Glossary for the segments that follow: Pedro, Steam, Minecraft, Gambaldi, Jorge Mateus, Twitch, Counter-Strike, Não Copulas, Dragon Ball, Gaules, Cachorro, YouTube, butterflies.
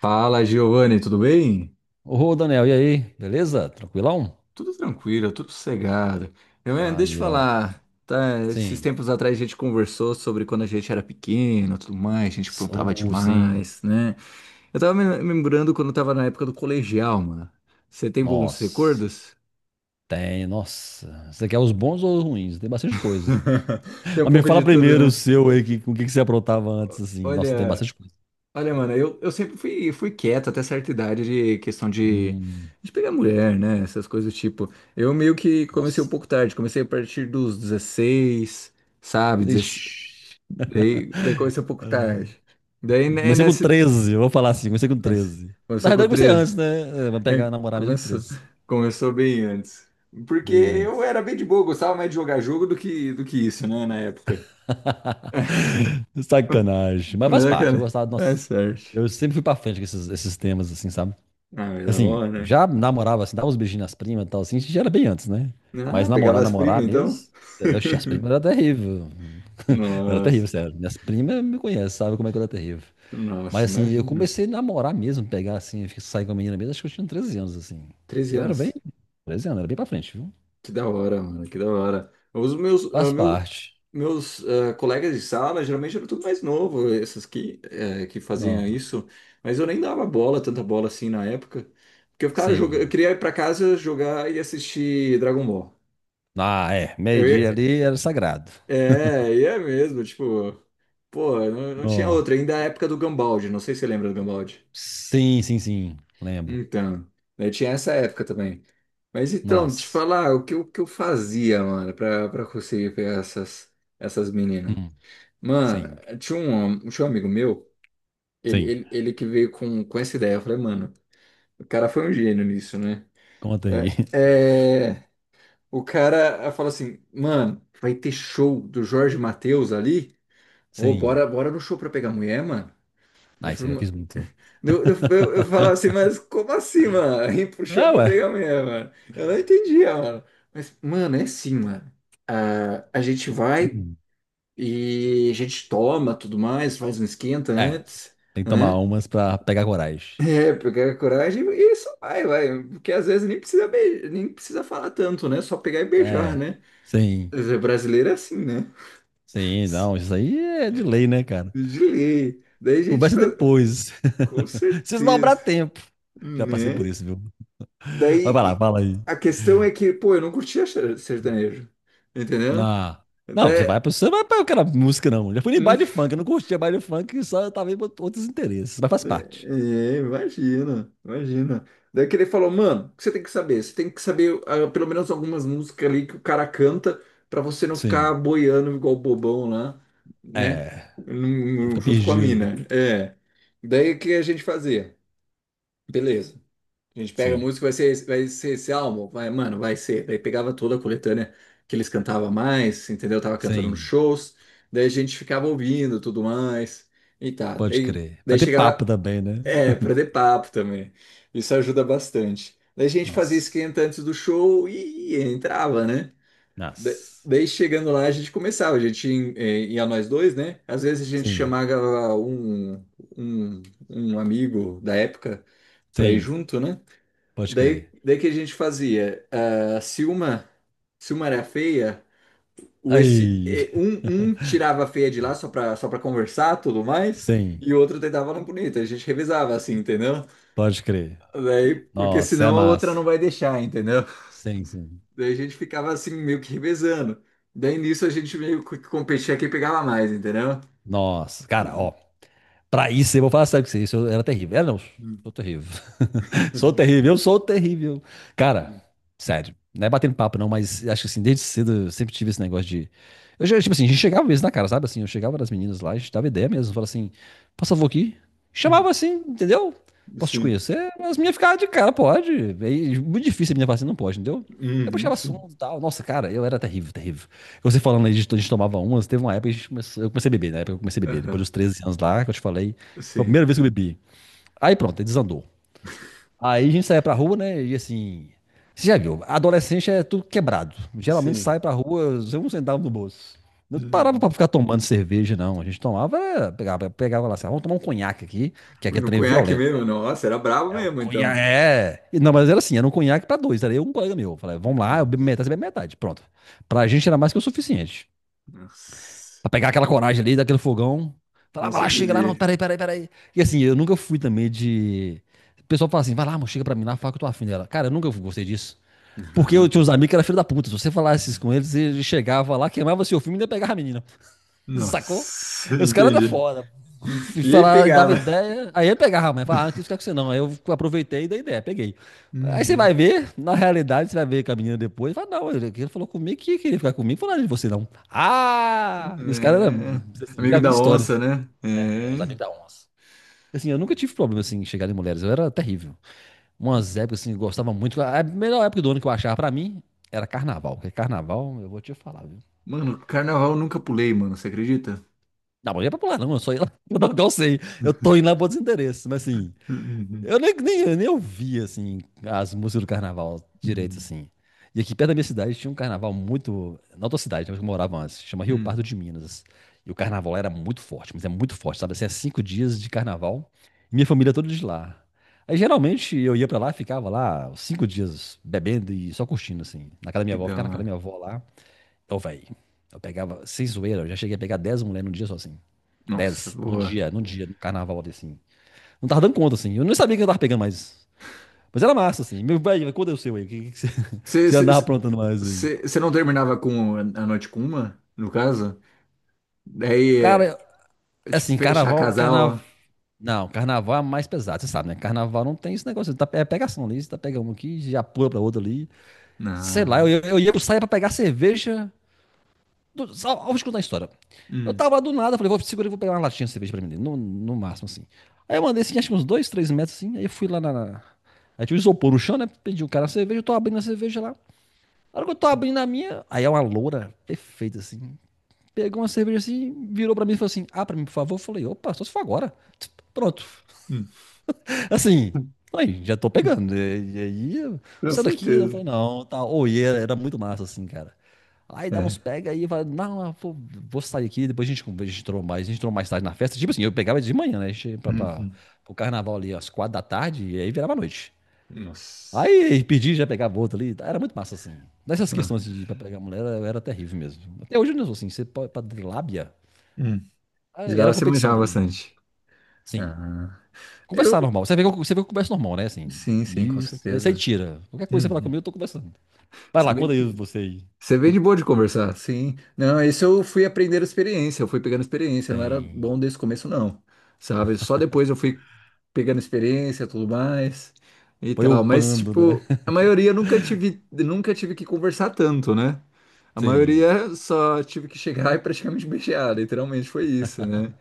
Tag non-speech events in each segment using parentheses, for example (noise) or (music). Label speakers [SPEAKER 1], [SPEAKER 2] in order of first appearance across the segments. [SPEAKER 1] Fala, Giovanni, tudo bem?
[SPEAKER 2] Ô, Daniel, e aí? Beleza? Tranquilão?
[SPEAKER 1] Tudo tranquilo, tudo sossegado. Eu, deixa eu
[SPEAKER 2] Aí, ó.
[SPEAKER 1] falar, tá, esses
[SPEAKER 2] Sim.
[SPEAKER 1] tempos atrás a gente conversou sobre quando a gente era pequeno, tudo mais, a gente
[SPEAKER 2] S-
[SPEAKER 1] aprontava
[SPEAKER 2] sim.
[SPEAKER 1] demais, né? Eu tava me lembrando quando eu tava na época do colegial, mano. Você tem bons
[SPEAKER 2] Nossa.
[SPEAKER 1] recordos?
[SPEAKER 2] Tem, nossa. Você quer os bons ou os ruins? Tem bastante coisa.
[SPEAKER 1] (laughs) Tem
[SPEAKER 2] (laughs)
[SPEAKER 1] um
[SPEAKER 2] Mas me
[SPEAKER 1] pouco
[SPEAKER 2] fala
[SPEAKER 1] de tudo,
[SPEAKER 2] primeiro o
[SPEAKER 1] né?
[SPEAKER 2] seu aí, que, o que que você aprontava antes, assim. Nossa, tem
[SPEAKER 1] Olha,
[SPEAKER 2] bastante coisa.
[SPEAKER 1] Olha, mano, eu sempre fui quieto até certa idade de questão
[SPEAKER 2] Hum.
[SPEAKER 1] de pegar mulher, né? Essas coisas do tipo. Eu meio que comecei um
[SPEAKER 2] Nossa.
[SPEAKER 1] pouco tarde, comecei a partir dos 16, sabe? 16,
[SPEAKER 2] Ixi.
[SPEAKER 1] daí comecei um pouco tarde. Daí,
[SPEAKER 2] Eu
[SPEAKER 1] né,
[SPEAKER 2] comecei com
[SPEAKER 1] nessa.
[SPEAKER 2] 13. Eu vou falar assim, comecei com
[SPEAKER 1] Nossa,
[SPEAKER 2] 13. Na
[SPEAKER 1] começou
[SPEAKER 2] verdade,
[SPEAKER 1] com
[SPEAKER 2] eu comecei
[SPEAKER 1] 13.
[SPEAKER 2] antes, né? É, vai
[SPEAKER 1] É,
[SPEAKER 2] pegar namorar mesmo com
[SPEAKER 1] começou.
[SPEAKER 2] 13.
[SPEAKER 1] Começou bem antes. Porque
[SPEAKER 2] Bem
[SPEAKER 1] eu
[SPEAKER 2] antes.
[SPEAKER 1] era bem de boa, gostava mais de jogar jogo do que isso, né, na época. (laughs)
[SPEAKER 2] Sacanagem. Mas faz
[SPEAKER 1] Mas,
[SPEAKER 2] parte, eu
[SPEAKER 1] cara,
[SPEAKER 2] gostava,
[SPEAKER 1] é
[SPEAKER 2] nossa.
[SPEAKER 1] sorte.
[SPEAKER 2] Eu sempre fui pra frente com esses temas, assim, sabe?
[SPEAKER 1] Ah, mas tá
[SPEAKER 2] Assim,
[SPEAKER 1] bom, né?
[SPEAKER 2] já namorava, assim, dava uns beijinhos nas primas e tal, assim, isso já era bem antes, né? Mas
[SPEAKER 1] Ah,
[SPEAKER 2] namorar,
[SPEAKER 1] pegava as primas
[SPEAKER 2] namorar
[SPEAKER 1] então?
[SPEAKER 2] mesmo, eu, oxe, as primas
[SPEAKER 1] (laughs)
[SPEAKER 2] era terrível. (laughs) Eu era
[SPEAKER 1] Nossa,
[SPEAKER 2] terrível, sério. Minhas primas me conhecem, sabem como é que eu era terrível.
[SPEAKER 1] nossa,
[SPEAKER 2] Mas assim, eu
[SPEAKER 1] imagina.
[SPEAKER 2] comecei a namorar mesmo, pegar assim, sair com a menina mesmo, acho que eu tinha 13 anos, assim.
[SPEAKER 1] 13
[SPEAKER 2] Eu era bem,
[SPEAKER 1] anos.
[SPEAKER 2] 13 anos, era bem pra frente, viu?
[SPEAKER 1] Que da hora, mano, que da hora. Os meus,
[SPEAKER 2] Faz parte.
[SPEAKER 1] meus, colegas de sala geralmente eram tudo mais novo, esses que, que faziam
[SPEAKER 2] Não,
[SPEAKER 1] isso, mas eu nem dava bola, tanta bola assim na época, porque eu ficava jogando, eu
[SPEAKER 2] sim.
[SPEAKER 1] queria ir pra casa jogar e assistir Dragon Ball.
[SPEAKER 2] Ah, é,
[SPEAKER 1] Eu
[SPEAKER 2] meio-dia
[SPEAKER 1] ia,
[SPEAKER 2] ali era sagrado.
[SPEAKER 1] é, ia mesmo, tipo, pô, não tinha
[SPEAKER 2] Não.
[SPEAKER 1] outra, ainda é a época do Gambaldi, não sei se você lembra do Gambaldi.
[SPEAKER 2] Sim, sim, sim, lembro.
[SPEAKER 1] Então, eu tinha essa época também. Mas então, te
[SPEAKER 2] Nossa.
[SPEAKER 1] falar o que, o que eu fazia, mano, pra conseguir pegar essas, essas meninas.
[SPEAKER 2] Hum,
[SPEAKER 1] Mano,
[SPEAKER 2] sim,
[SPEAKER 1] tinha um amigo meu,
[SPEAKER 2] sim.
[SPEAKER 1] ele que veio com essa ideia. Eu falei, mano, o cara foi um gênio nisso, né?
[SPEAKER 2] Conta aí.
[SPEAKER 1] É,
[SPEAKER 2] (laughs)
[SPEAKER 1] é, o cara falou assim, mano, vai ter show do Jorge Mateus ali? Ô,
[SPEAKER 2] Sim.
[SPEAKER 1] bora no show pra pegar mulher, mano.
[SPEAKER 2] Ah, isso eu já fiz muito.
[SPEAKER 1] Eu falava assim,
[SPEAKER 2] (laughs)
[SPEAKER 1] mas como assim, mano? (laughs) E puxou
[SPEAKER 2] Ah,
[SPEAKER 1] pra
[SPEAKER 2] ué.
[SPEAKER 1] pegar a mulher, mano. Eu não entendia, mano. Mas, mano, é assim, mano. É, a gente vai e a gente toma tudo mais, faz um esquenta
[SPEAKER 2] É,
[SPEAKER 1] antes,
[SPEAKER 2] tem que tomar
[SPEAKER 1] né?
[SPEAKER 2] umas pra pegar coragem.
[SPEAKER 1] É, pegar a coragem e só vai. Porque às vezes nem precisa, beijar, nem precisa falar tanto, né? Só pegar e beijar,
[SPEAKER 2] É,
[SPEAKER 1] né?
[SPEAKER 2] sim.
[SPEAKER 1] Mas é brasileiro é assim, né? (laughs)
[SPEAKER 2] Sim, não, isso aí é de lei, né, cara?
[SPEAKER 1] De lei. Daí a gente
[SPEAKER 2] Conversa
[SPEAKER 1] faz...
[SPEAKER 2] depois.
[SPEAKER 1] Com
[SPEAKER 2] (laughs) Se sobrar
[SPEAKER 1] certeza,
[SPEAKER 2] tempo. Já passei por
[SPEAKER 1] né?
[SPEAKER 2] isso, viu? Mas vai lá,
[SPEAKER 1] Daí
[SPEAKER 2] fala aí.
[SPEAKER 1] a questão é que, pô, eu não curtia sertanejo, entendeu?
[SPEAKER 2] Ah, não, você
[SPEAKER 1] Daí,
[SPEAKER 2] vai pra. Você vai pra aquela música, não. Já fui em
[SPEAKER 1] hum,
[SPEAKER 2] baile
[SPEAKER 1] (laughs)
[SPEAKER 2] funk, eu não curtia baile funk, só tava em outros interesses, mas faz parte.
[SPEAKER 1] é, imagina, imagina. Daí que ele falou, mano, o que você tem que saber? Você tem que saber pelo menos algumas músicas ali que o cara canta pra você não ficar
[SPEAKER 2] Sim.
[SPEAKER 1] boiando igual bobão lá, né?
[SPEAKER 2] É. Não fica
[SPEAKER 1] Junto com a
[SPEAKER 2] perdido.
[SPEAKER 1] mina. É. Daí o que a gente fazia? Beleza. A gente pega a
[SPEAKER 2] Sim.
[SPEAKER 1] música, vai ser esse álbum, vai, mano, vai ser. Daí pegava toda a coletânea que eles cantavam mais, entendeu? Tava cantando nos
[SPEAKER 2] Sim.
[SPEAKER 1] shows, daí a gente ficava ouvindo tudo mais e tá.
[SPEAKER 2] Pode
[SPEAKER 1] Daí,
[SPEAKER 2] crer.
[SPEAKER 1] daí
[SPEAKER 2] Vai ter papo
[SPEAKER 1] chegava,
[SPEAKER 2] também, né?
[SPEAKER 1] é,
[SPEAKER 2] (laughs)
[SPEAKER 1] pra ter papo também. Isso ajuda bastante. Daí a gente fazia
[SPEAKER 2] Nossa.
[SPEAKER 1] esquenta antes do show e entrava, né? Da-
[SPEAKER 2] Nossa.
[SPEAKER 1] Daí chegando lá a gente começava, a gente ia, é, ia nós dois, né? Às vezes a gente
[SPEAKER 2] Sim,
[SPEAKER 1] chamava um, um amigo da época pra ir
[SPEAKER 2] sim,
[SPEAKER 1] junto, né?
[SPEAKER 2] pode
[SPEAKER 1] Daí,
[SPEAKER 2] crer.
[SPEAKER 1] daí que a gente fazia? Se uma era feia, o esse,
[SPEAKER 2] Aí.
[SPEAKER 1] eh, um
[SPEAKER 2] (laughs)
[SPEAKER 1] tirava a feia de lá só só pra conversar tudo mais,
[SPEAKER 2] Sim,
[SPEAKER 1] e o outro tentava na bonita. A gente revezava assim, entendeu?
[SPEAKER 2] pode crer.
[SPEAKER 1] Daí, porque
[SPEAKER 2] Nossa, é
[SPEAKER 1] senão a outra
[SPEAKER 2] massa.
[SPEAKER 1] não vai deixar, entendeu?
[SPEAKER 2] Sim, sim.
[SPEAKER 1] Daí a gente ficava assim, meio que revezando. Daí nisso a gente meio que competia quem pegava mais, entendeu?
[SPEAKER 2] Nossa, cara, ó, pra isso, eu vou falar sério com você. Isso eu era terrível. Era não, sou terrível. (laughs) Sou
[SPEAKER 1] (laughs)
[SPEAKER 2] terrível, eu sou terrível. Cara, sério. Não é batendo papo, não, mas acho que assim, desde cedo eu sempre tive esse negócio de. Eu, já, tipo assim, a gente chegava mesmo na cara, sabe? Assim, eu chegava das meninas lá, a gente dava ideia mesmo. Falava assim, posso favor aqui? Chamava assim, entendeu? Posso te
[SPEAKER 1] Sim.
[SPEAKER 2] conhecer? As meninas ficavam de cara, pode. É muito difícil a menina falar assim, não pode, entendeu? Eu
[SPEAKER 1] Uhum,
[SPEAKER 2] puxava
[SPEAKER 1] sim.
[SPEAKER 2] assunto e tal. Nossa, cara, eu era terrível, terrível. Você falando aí, a gente tomava umas, teve uma época que a gente começou, eu comecei a beber, né? Na época que eu comecei a beber, depois
[SPEAKER 1] Aham.
[SPEAKER 2] dos 13 anos lá, que eu te falei, foi a
[SPEAKER 1] Sim.
[SPEAKER 2] primeira vez que eu bebi. Aí pronto, aí desandou. Aí a gente saía pra rua, né, e assim, você já viu, adolescente é tudo quebrado. Geralmente
[SPEAKER 1] Sim.
[SPEAKER 2] sai pra rua, sem um centavo no bolso. Não parava pra
[SPEAKER 1] Uhum.
[SPEAKER 2] ficar tomando cerveja, não. A gente tomava, pegava lá, assim, "Ah, vamos tomar um conhaque aqui, que aqui é
[SPEAKER 1] No
[SPEAKER 2] trem
[SPEAKER 1] conhaque
[SPEAKER 2] violento,
[SPEAKER 1] mesmo?
[SPEAKER 2] né?"
[SPEAKER 1] Nossa, era brabo
[SPEAKER 2] É, o
[SPEAKER 1] mesmo, então.
[SPEAKER 2] conhaque, é. E não, mas era assim, era um conhaque pra dois, era eu e um colega meu. Eu falei, vamos lá, eu bebo
[SPEAKER 1] Nossa.
[SPEAKER 2] metade, você bebe metade, pronto. Pra gente era mais que o suficiente.
[SPEAKER 1] Nossa.
[SPEAKER 2] Pra pegar aquela coragem ali, daquele fogão.
[SPEAKER 1] Com
[SPEAKER 2] Falava lá, chega lá, não,
[SPEAKER 1] certeza.
[SPEAKER 2] peraí, peraí, peraí. E assim, eu nunca fui também de. O pessoal fala assim, vai lá, amor, chega pra mim lá, fala que eu tô afim dela. Cara, eu nunca gostei disso. Porque eu tinha
[SPEAKER 1] Aham.
[SPEAKER 2] uns amigos que eram filho da puta. Se você falasse isso com eles, ele chegava lá, queimava seu filme e ainda pegava a menina. (laughs) Sacou?
[SPEAKER 1] Nossa,
[SPEAKER 2] Os
[SPEAKER 1] (laughs)
[SPEAKER 2] caras da
[SPEAKER 1] entendi.
[SPEAKER 2] fora e
[SPEAKER 1] E aí
[SPEAKER 2] falar, dava
[SPEAKER 1] pegava.
[SPEAKER 2] ideia, aí ele pegava a mãe, falava, ah, não quis ficar com você não. Aí eu aproveitei e dei ideia, peguei. Aí você
[SPEAKER 1] Uhum.
[SPEAKER 2] vai ver, na realidade, você vai ver com a menina depois, fala, não, ele falou comigo que queria ficar comigo, falou nada de você não. Ah! E os caras,
[SPEAKER 1] É.
[SPEAKER 2] assim, já
[SPEAKER 1] Amigo
[SPEAKER 2] vi
[SPEAKER 1] da
[SPEAKER 2] histórias,
[SPEAKER 1] onça, né?
[SPEAKER 2] é, os
[SPEAKER 1] É.
[SPEAKER 2] amigos da onça. Assim, eu nunca tive problema, assim, em chegar em mulheres, eu era terrível. Umas épocas, assim, eu gostava muito, a melhor época do ano que eu achava pra mim era carnaval, porque carnaval, eu vou te falar.
[SPEAKER 1] Mano, carnaval eu nunca pulei, mano. Você acredita?
[SPEAKER 2] Não, mas não ia pra pular, não. Eu só ia lá. (laughs) Eu não sei. Eu tô indo lá por desinteresse. Mas assim,
[SPEAKER 1] Uhum.
[SPEAKER 2] eu nem ouvia assim, as músicas do carnaval direito,
[SPEAKER 1] Uhum.
[SPEAKER 2] assim. E aqui perto da minha cidade tinha um carnaval muito. Na outra cidade, onde eu morava antes, chama Rio
[SPEAKER 1] Uhum.
[SPEAKER 2] Pardo de Minas. E o carnaval era muito forte, mas é muito forte, sabe? Assim, é 5 dias de carnaval. E minha família toda de lá. Aí geralmente eu ia pra lá, ficava lá uns 5 dias bebendo e só curtindo, assim. Na casa da
[SPEAKER 1] Que
[SPEAKER 2] minha avó,
[SPEAKER 1] da
[SPEAKER 2] ficava na casa da minha
[SPEAKER 1] hora.
[SPEAKER 2] avó lá. Ô, velho, eu pegava, sem zoeira, eu já cheguei a pegar 10 mulheres num dia só assim
[SPEAKER 1] Nossa,
[SPEAKER 2] 10 num
[SPEAKER 1] boa.
[SPEAKER 2] dia, num dia, no carnaval, assim. Não tava dando conta, assim. Eu não sabia que eu tava pegando, mais. Mas era massa, assim. Meu velho, quando é o seu aí? O que você, (laughs) que você andava aprontando mais aí?
[SPEAKER 1] Você não terminava com a noite com uma, no caso? Daí,
[SPEAKER 2] Cara,
[SPEAKER 1] é, tipo,
[SPEAKER 2] assim,
[SPEAKER 1] fechar
[SPEAKER 2] carnaval, carnaval.
[SPEAKER 1] casal?
[SPEAKER 2] Não, carnaval é mais pesado, você sabe, né? Carnaval não tem esse negócio. Tá, é pegação ali, você tá pegando um aqui, já pula pra outra ali. Sei lá, eu,
[SPEAKER 1] Não.
[SPEAKER 2] eu, eu ia pro saia pra pegar cerveja ao escutar a história. Eu
[SPEAKER 1] Hum,
[SPEAKER 2] tava lá do nada, falei, vou segurar e vou pegar uma latinha de cerveja pra mim, no máximo, assim. Aí eu mandei, assim, acho que uns dois, três metros, assim, aí eu fui lá. Aí tinha um isopor no chão, né, pedi um cara a cerveja, eu tô abrindo a cerveja lá. Na hora que eu tô abrindo a minha, aí é uma loura perfeita, assim. Pegou uma cerveja, assim, virou pra mim e falou assim, ah, pra mim, por favor. Eu falei, opa, só se for agora. Pronto.
[SPEAKER 1] hum.
[SPEAKER 2] Assim, aí, já tô pegando. E aí,
[SPEAKER 1] Com
[SPEAKER 2] você daqui, eu
[SPEAKER 1] certeza.
[SPEAKER 2] falei, não, tá. Ou e era muito massa, assim, cara. Aí dá
[SPEAKER 1] É.
[SPEAKER 2] uns pega aí, vai, não, eu vou sair aqui, depois a gente entrou mais tarde na festa. Tipo assim, eu pegava de manhã, né? A gente ia pra, pra,
[SPEAKER 1] Uhum.
[SPEAKER 2] pro carnaval ali às 4 da tarde, e aí virava noite.
[SPEAKER 1] Nossa.
[SPEAKER 2] Aí pedi, já pegava outro ali. Era muito massa, assim. Nessas
[SPEAKER 1] Ah,
[SPEAKER 2] questões assim, de pra pegar mulher, era terrível mesmo. Até hoje eu não sou assim, você pode, pra lábia.
[SPEAKER 1] hum,
[SPEAKER 2] Ah,
[SPEAKER 1] de lá
[SPEAKER 2] era
[SPEAKER 1] você
[SPEAKER 2] competição
[SPEAKER 1] manjava
[SPEAKER 2] também, né?
[SPEAKER 1] bastante.
[SPEAKER 2] Sim.
[SPEAKER 1] Ah, eu,
[SPEAKER 2] Conversar normal. Você vê que eu converso normal, né? Assim.
[SPEAKER 1] sim, sim, com
[SPEAKER 2] Aí você
[SPEAKER 1] certeza.
[SPEAKER 2] tira. Qualquer coisa que você falar
[SPEAKER 1] Uhum.
[SPEAKER 2] comigo, eu tô conversando. Vai
[SPEAKER 1] Você é
[SPEAKER 2] lá, conta
[SPEAKER 1] bem,
[SPEAKER 2] aí você aí.
[SPEAKER 1] você é bem de boa de conversar, sim. Não, isso eu fui aprendendo experiência, eu fui pegando experiência, eu não era
[SPEAKER 2] Sem.
[SPEAKER 1] bom desde o começo, não, sabe? Só depois eu fui pegando experiência, tudo mais e
[SPEAKER 2] Foi
[SPEAKER 1] tal. Mas,
[SPEAKER 2] upando, né?
[SPEAKER 1] tipo, a maioria eu nunca tive que conversar tanto, né? A
[SPEAKER 2] Sim.
[SPEAKER 1] maioria só tive que chegar (laughs) e praticamente beijar, literalmente foi isso, né?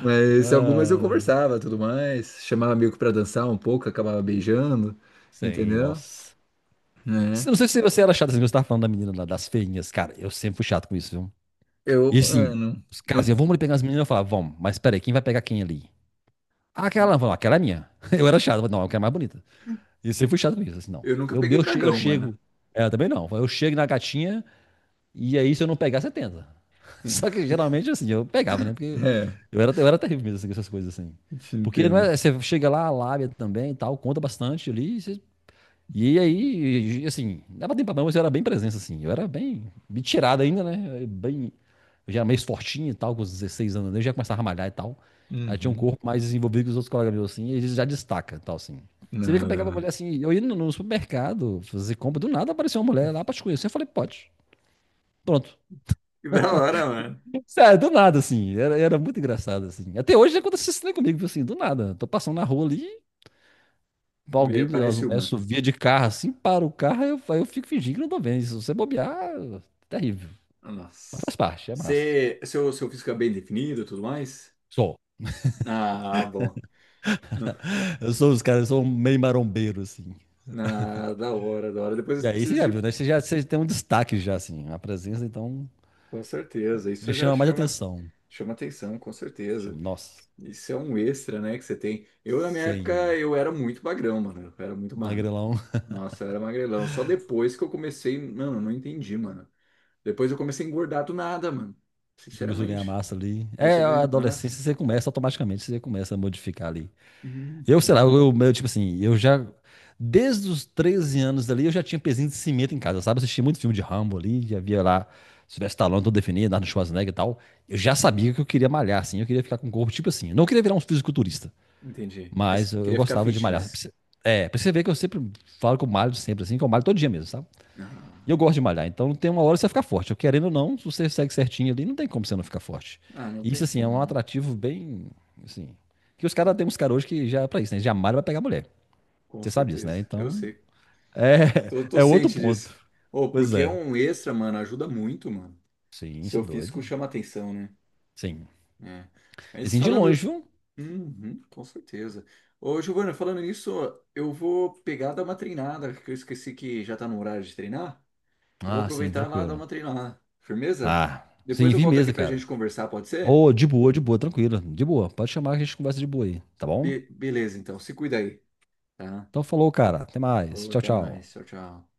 [SPEAKER 1] Mas algumas eu
[SPEAKER 2] Ah,
[SPEAKER 1] conversava, tudo mais, chamava amigo pra dançar um pouco, acabava beijando,
[SPEAKER 2] sim,
[SPEAKER 1] entendeu?
[SPEAKER 2] nossa.
[SPEAKER 1] Né?
[SPEAKER 2] Não sei se você era chato assim, você tava falando da menina lá, das feinhas. Cara, eu sempre fui chato com isso, viu?
[SPEAKER 1] Eu,
[SPEAKER 2] E assim,
[SPEAKER 1] mano,
[SPEAKER 2] os caras iam,
[SPEAKER 1] eu,
[SPEAKER 2] vamos ali pegar as meninas. Eu falava, vamos, mas peraí, quem vai pegar quem ali? Ah, aquela, eu falava, aquela é minha. (laughs) Eu era chato, eu falava, não, aquela quero mais bonita. E eu sempre fui chato com isso, assim, não.
[SPEAKER 1] eu nunca
[SPEAKER 2] Eu,
[SPEAKER 1] peguei
[SPEAKER 2] eu, che- eu
[SPEAKER 1] dragão, mano.
[SPEAKER 2] chego. Ela também não. Eu chego na gatinha. E aí, se eu não pegar, você tenta. (laughs) Só que geralmente, assim, eu pegava, né? Porque
[SPEAKER 1] É,
[SPEAKER 2] eu era terrível mesmo, assim, com essas coisas, assim.
[SPEAKER 1] te
[SPEAKER 2] Porque não
[SPEAKER 1] entendo.
[SPEAKER 2] é, você chega lá, a lábia também e tal, conta bastante ali. Assim, dava tempo pra não, mas eu era bem presença, assim. Eu era bem, bem tirado ainda, né? Eu já era meio fortinho e tal, com os 16 anos, né, eu já começava a malhar e tal. Aí tinha um
[SPEAKER 1] Uhum.
[SPEAKER 2] corpo mais desenvolvido que os outros colegas meus, assim, e eles já destacam e tal, assim. Você vê que eu pegava a
[SPEAKER 1] Nada.
[SPEAKER 2] mulher assim, eu ia no supermercado fazer compra, do nada apareceu uma mulher lá pra te conhecer. Eu falei, pode. Pronto.
[SPEAKER 1] Que da hora, mano.
[SPEAKER 2] Sério, do nada, assim. Era muito engraçado, assim. Até hoje acontece isso né, comigo, assim, do nada. Tô passando na rua ali,
[SPEAKER 1] Vê,
[SPEAKER 2] alguém das
[SPEAKER 1] parece
[SPEAKER 2] mulheres
[SPEAKER 1] uma.
[SPEAKER 2] subia de carro, assim, para o carro, aí eu fico fingindo que não tô vendo. Se você bobear, é terrível. Mas faz
[SPEAKER 1] Nossa.
[SPEAKER 2] parte, é massa.
[SPEAKER 1] Você, seu físico é bem definido e tudo mais?
[SPEAKER 2] Sou.
[SPEAKER 1] Ah, bom. (laughs)
[SPEAKER 2] Eu sou os caras, eu sou um meio marombeiro, assim.
[SPEAKER 1] Na, da hora, da hora. Depois
[SPEAKER 2] E
[SPEAKER 1] eu
[SPEAKER 2] aí você
[SPEAKER 1] preciso
[SPEAKER 2] já
[SPEAKER 1] de
[SPEAKER 2] viu, né? Você tem um destaque já, assim. A presença, então,
[SPEAKER 1] com certeza,
[SPEAKER 2] já
[SPEAKER 1] isso já
[SPEAKER 2] chama mais
[SPEAKER 1] chama,
[SPEAKER 2] atenção.
[SPEAKER 1] chama atenção, com
[SPEAKER 2] Chama,
[SPEAKER 1] certeza.
[SPEAKER 2] nossa,
[SPEAKER 1] Isso é um extra, né, que você tem. Eu, na minha época,
[SPEAKER 2] sem
[SPEAKER 1] eu era muito magrão, mano. Eu era muito magro.
[SPEAKER 2] magrelão,
[SPEAKER 1] Nossa, eu era magrelão. Só depois que eu comecei. Mano, eu não entendi, mano. Depois eu comecei a engordar do nada, mano.
[SPEAKER 2] (laughs) começou a ganhar
[SPEAKER 1] Sinceramente.
[SPEAKER 2] massa ali.
[SPEAKER 1] Comecei
[SPEAKER 2] É,
[SPEAKER 1] a
[SPEAKER 2] a
[SPEAKER 1] ganhar massa.
[SPEAKER 2] adolescência, você começa automaticamente, você começa a modificar ali.
[SPEAKER 1] Uhum,
[SPEAKER 2] Eu, sei lá,
[SPEAKER 1] uhum.
[SPEAKER 2] tipo assim, eu já. Desde os 13 anos ali, eu já tinha pezinho de cimento em casa, sabe? Eu assisti muito filme de Rambo ali, já via lá Sylvester Stallone, todo definido, Arnold Schwarzenegger e tal. Eu já sabia que eu queria malhar, assim, eu queria ficar com o corpo, tipo assim. Eu não queria virar um fisiculturista,
[SPEAKER 1] Entendi. Mas
[SPEAKER 2] mas eu
[SPEAKER 1] queria ficar
[SPEAKER 2] gostava de malhar.
[SPEAKER 1] fitness.
[SPEAKER 2] É, pra você ver que eu sempre falo que eu malho sempre, assim, que eu malho todo dia mesmo, sabe? E
[SPEAKER 1] Ah,
[SPEAKER 2] eu gosto de malhar, então tem uma hora que você vai ficar forte. Eu querendo ou não, se você segue certinho ali, não tem como você não ficar forte.
[SPEAKER 1] não
[SPEAKER 2] E isso,
[SPEAKER 1] tem
[SPEAKER 2] assim, é
[SPEAKER 1] como,
[SPEAKER 2] um
[SPEAKER 1] não.
[SPEAKER 2] atrativo bem, assim. Que os caras, tem uns caras hoje que já é pra isso, né? Já malha pra pegar mulher.
[SPEAKER 1] Com
[SPEAKER 2] Você sabe disso, né?
[SPEAKER 1] certeza. Eu
[SPEAKER 2] Então,
[SPEAKER 1] sei.
[SPEAKER 2] é,
[SPEAKER 1] Tô,
[SPEAKER 2] (laughs)
[SPEAKER 1] tô
[SPEAKER 2] é outro
[SPEAKER 1] ciente
[SPEAKER 2] ponto.
[SPEAKER 1] disso. Ô,
[SPEAKER 2] Pois
[SPEAKER 1] porque é
[SPEAKER 2] é.
[SPEAKER 1] um extra, mano. Ajuda muito, mano.
[SPEAKER 2] Sim, isso é
[SPEAKER 1] Seu físico
[SPEAKER 2] doido.
[SPEAKER 1] chama atenção, né?
[SPEAKER 2] Sim.
[SPEAKER 1] É.
[SPEAKER 2] E
[SPEAKER 1] Mas
[SPEAKER 2] assim, de
[SPEAKER 1] falando.
[SPEAKER 2] longe, viu?
[SPEAKER 1] Uhum, com certeza. Ô, Giovana, falando nisso, eu vou pegar dar uma treinada, que eu esqueci que já tá no horário de treinar. Eu vou
[SPEAKER 2] Ah, sim,
[SPEAKER 1] aproveitar lá e dar
[SPEAKER 2] tranquilo.
[SPEAKER 1] uma treinada. Firmeza?
[SPEAKER 2] Ah,
[SPEAKER 1] Depois
[SPEAKER 2] sim,
[SPEAKER 1] eu
[SPEAKER 2] vi
[SPEAKER 1] volto aqui
[SPEAKER 2] mesa,
[SPEAKER 1] pra gente
[SPEAKER 2] cara.
[SPEAKER 1] conversar, pode ser?
[SPEAKER 2] Ô, de boa, tranquilo. De boa. Pode chamar que a gente conversa de boa aí, tá bom?
[SPEAKER 1] Beleza, então. Se cuida aí, tá?
[SPEAKER 2] Então falou, cara. Até mais.
[SPEAKER 1] Ô,
[SPEAKER 2] Tchau,
[SPEAKER 1] até
[SPEAKER 2] tchau.
[SPEAKER 1] mais. Tchau, tchau.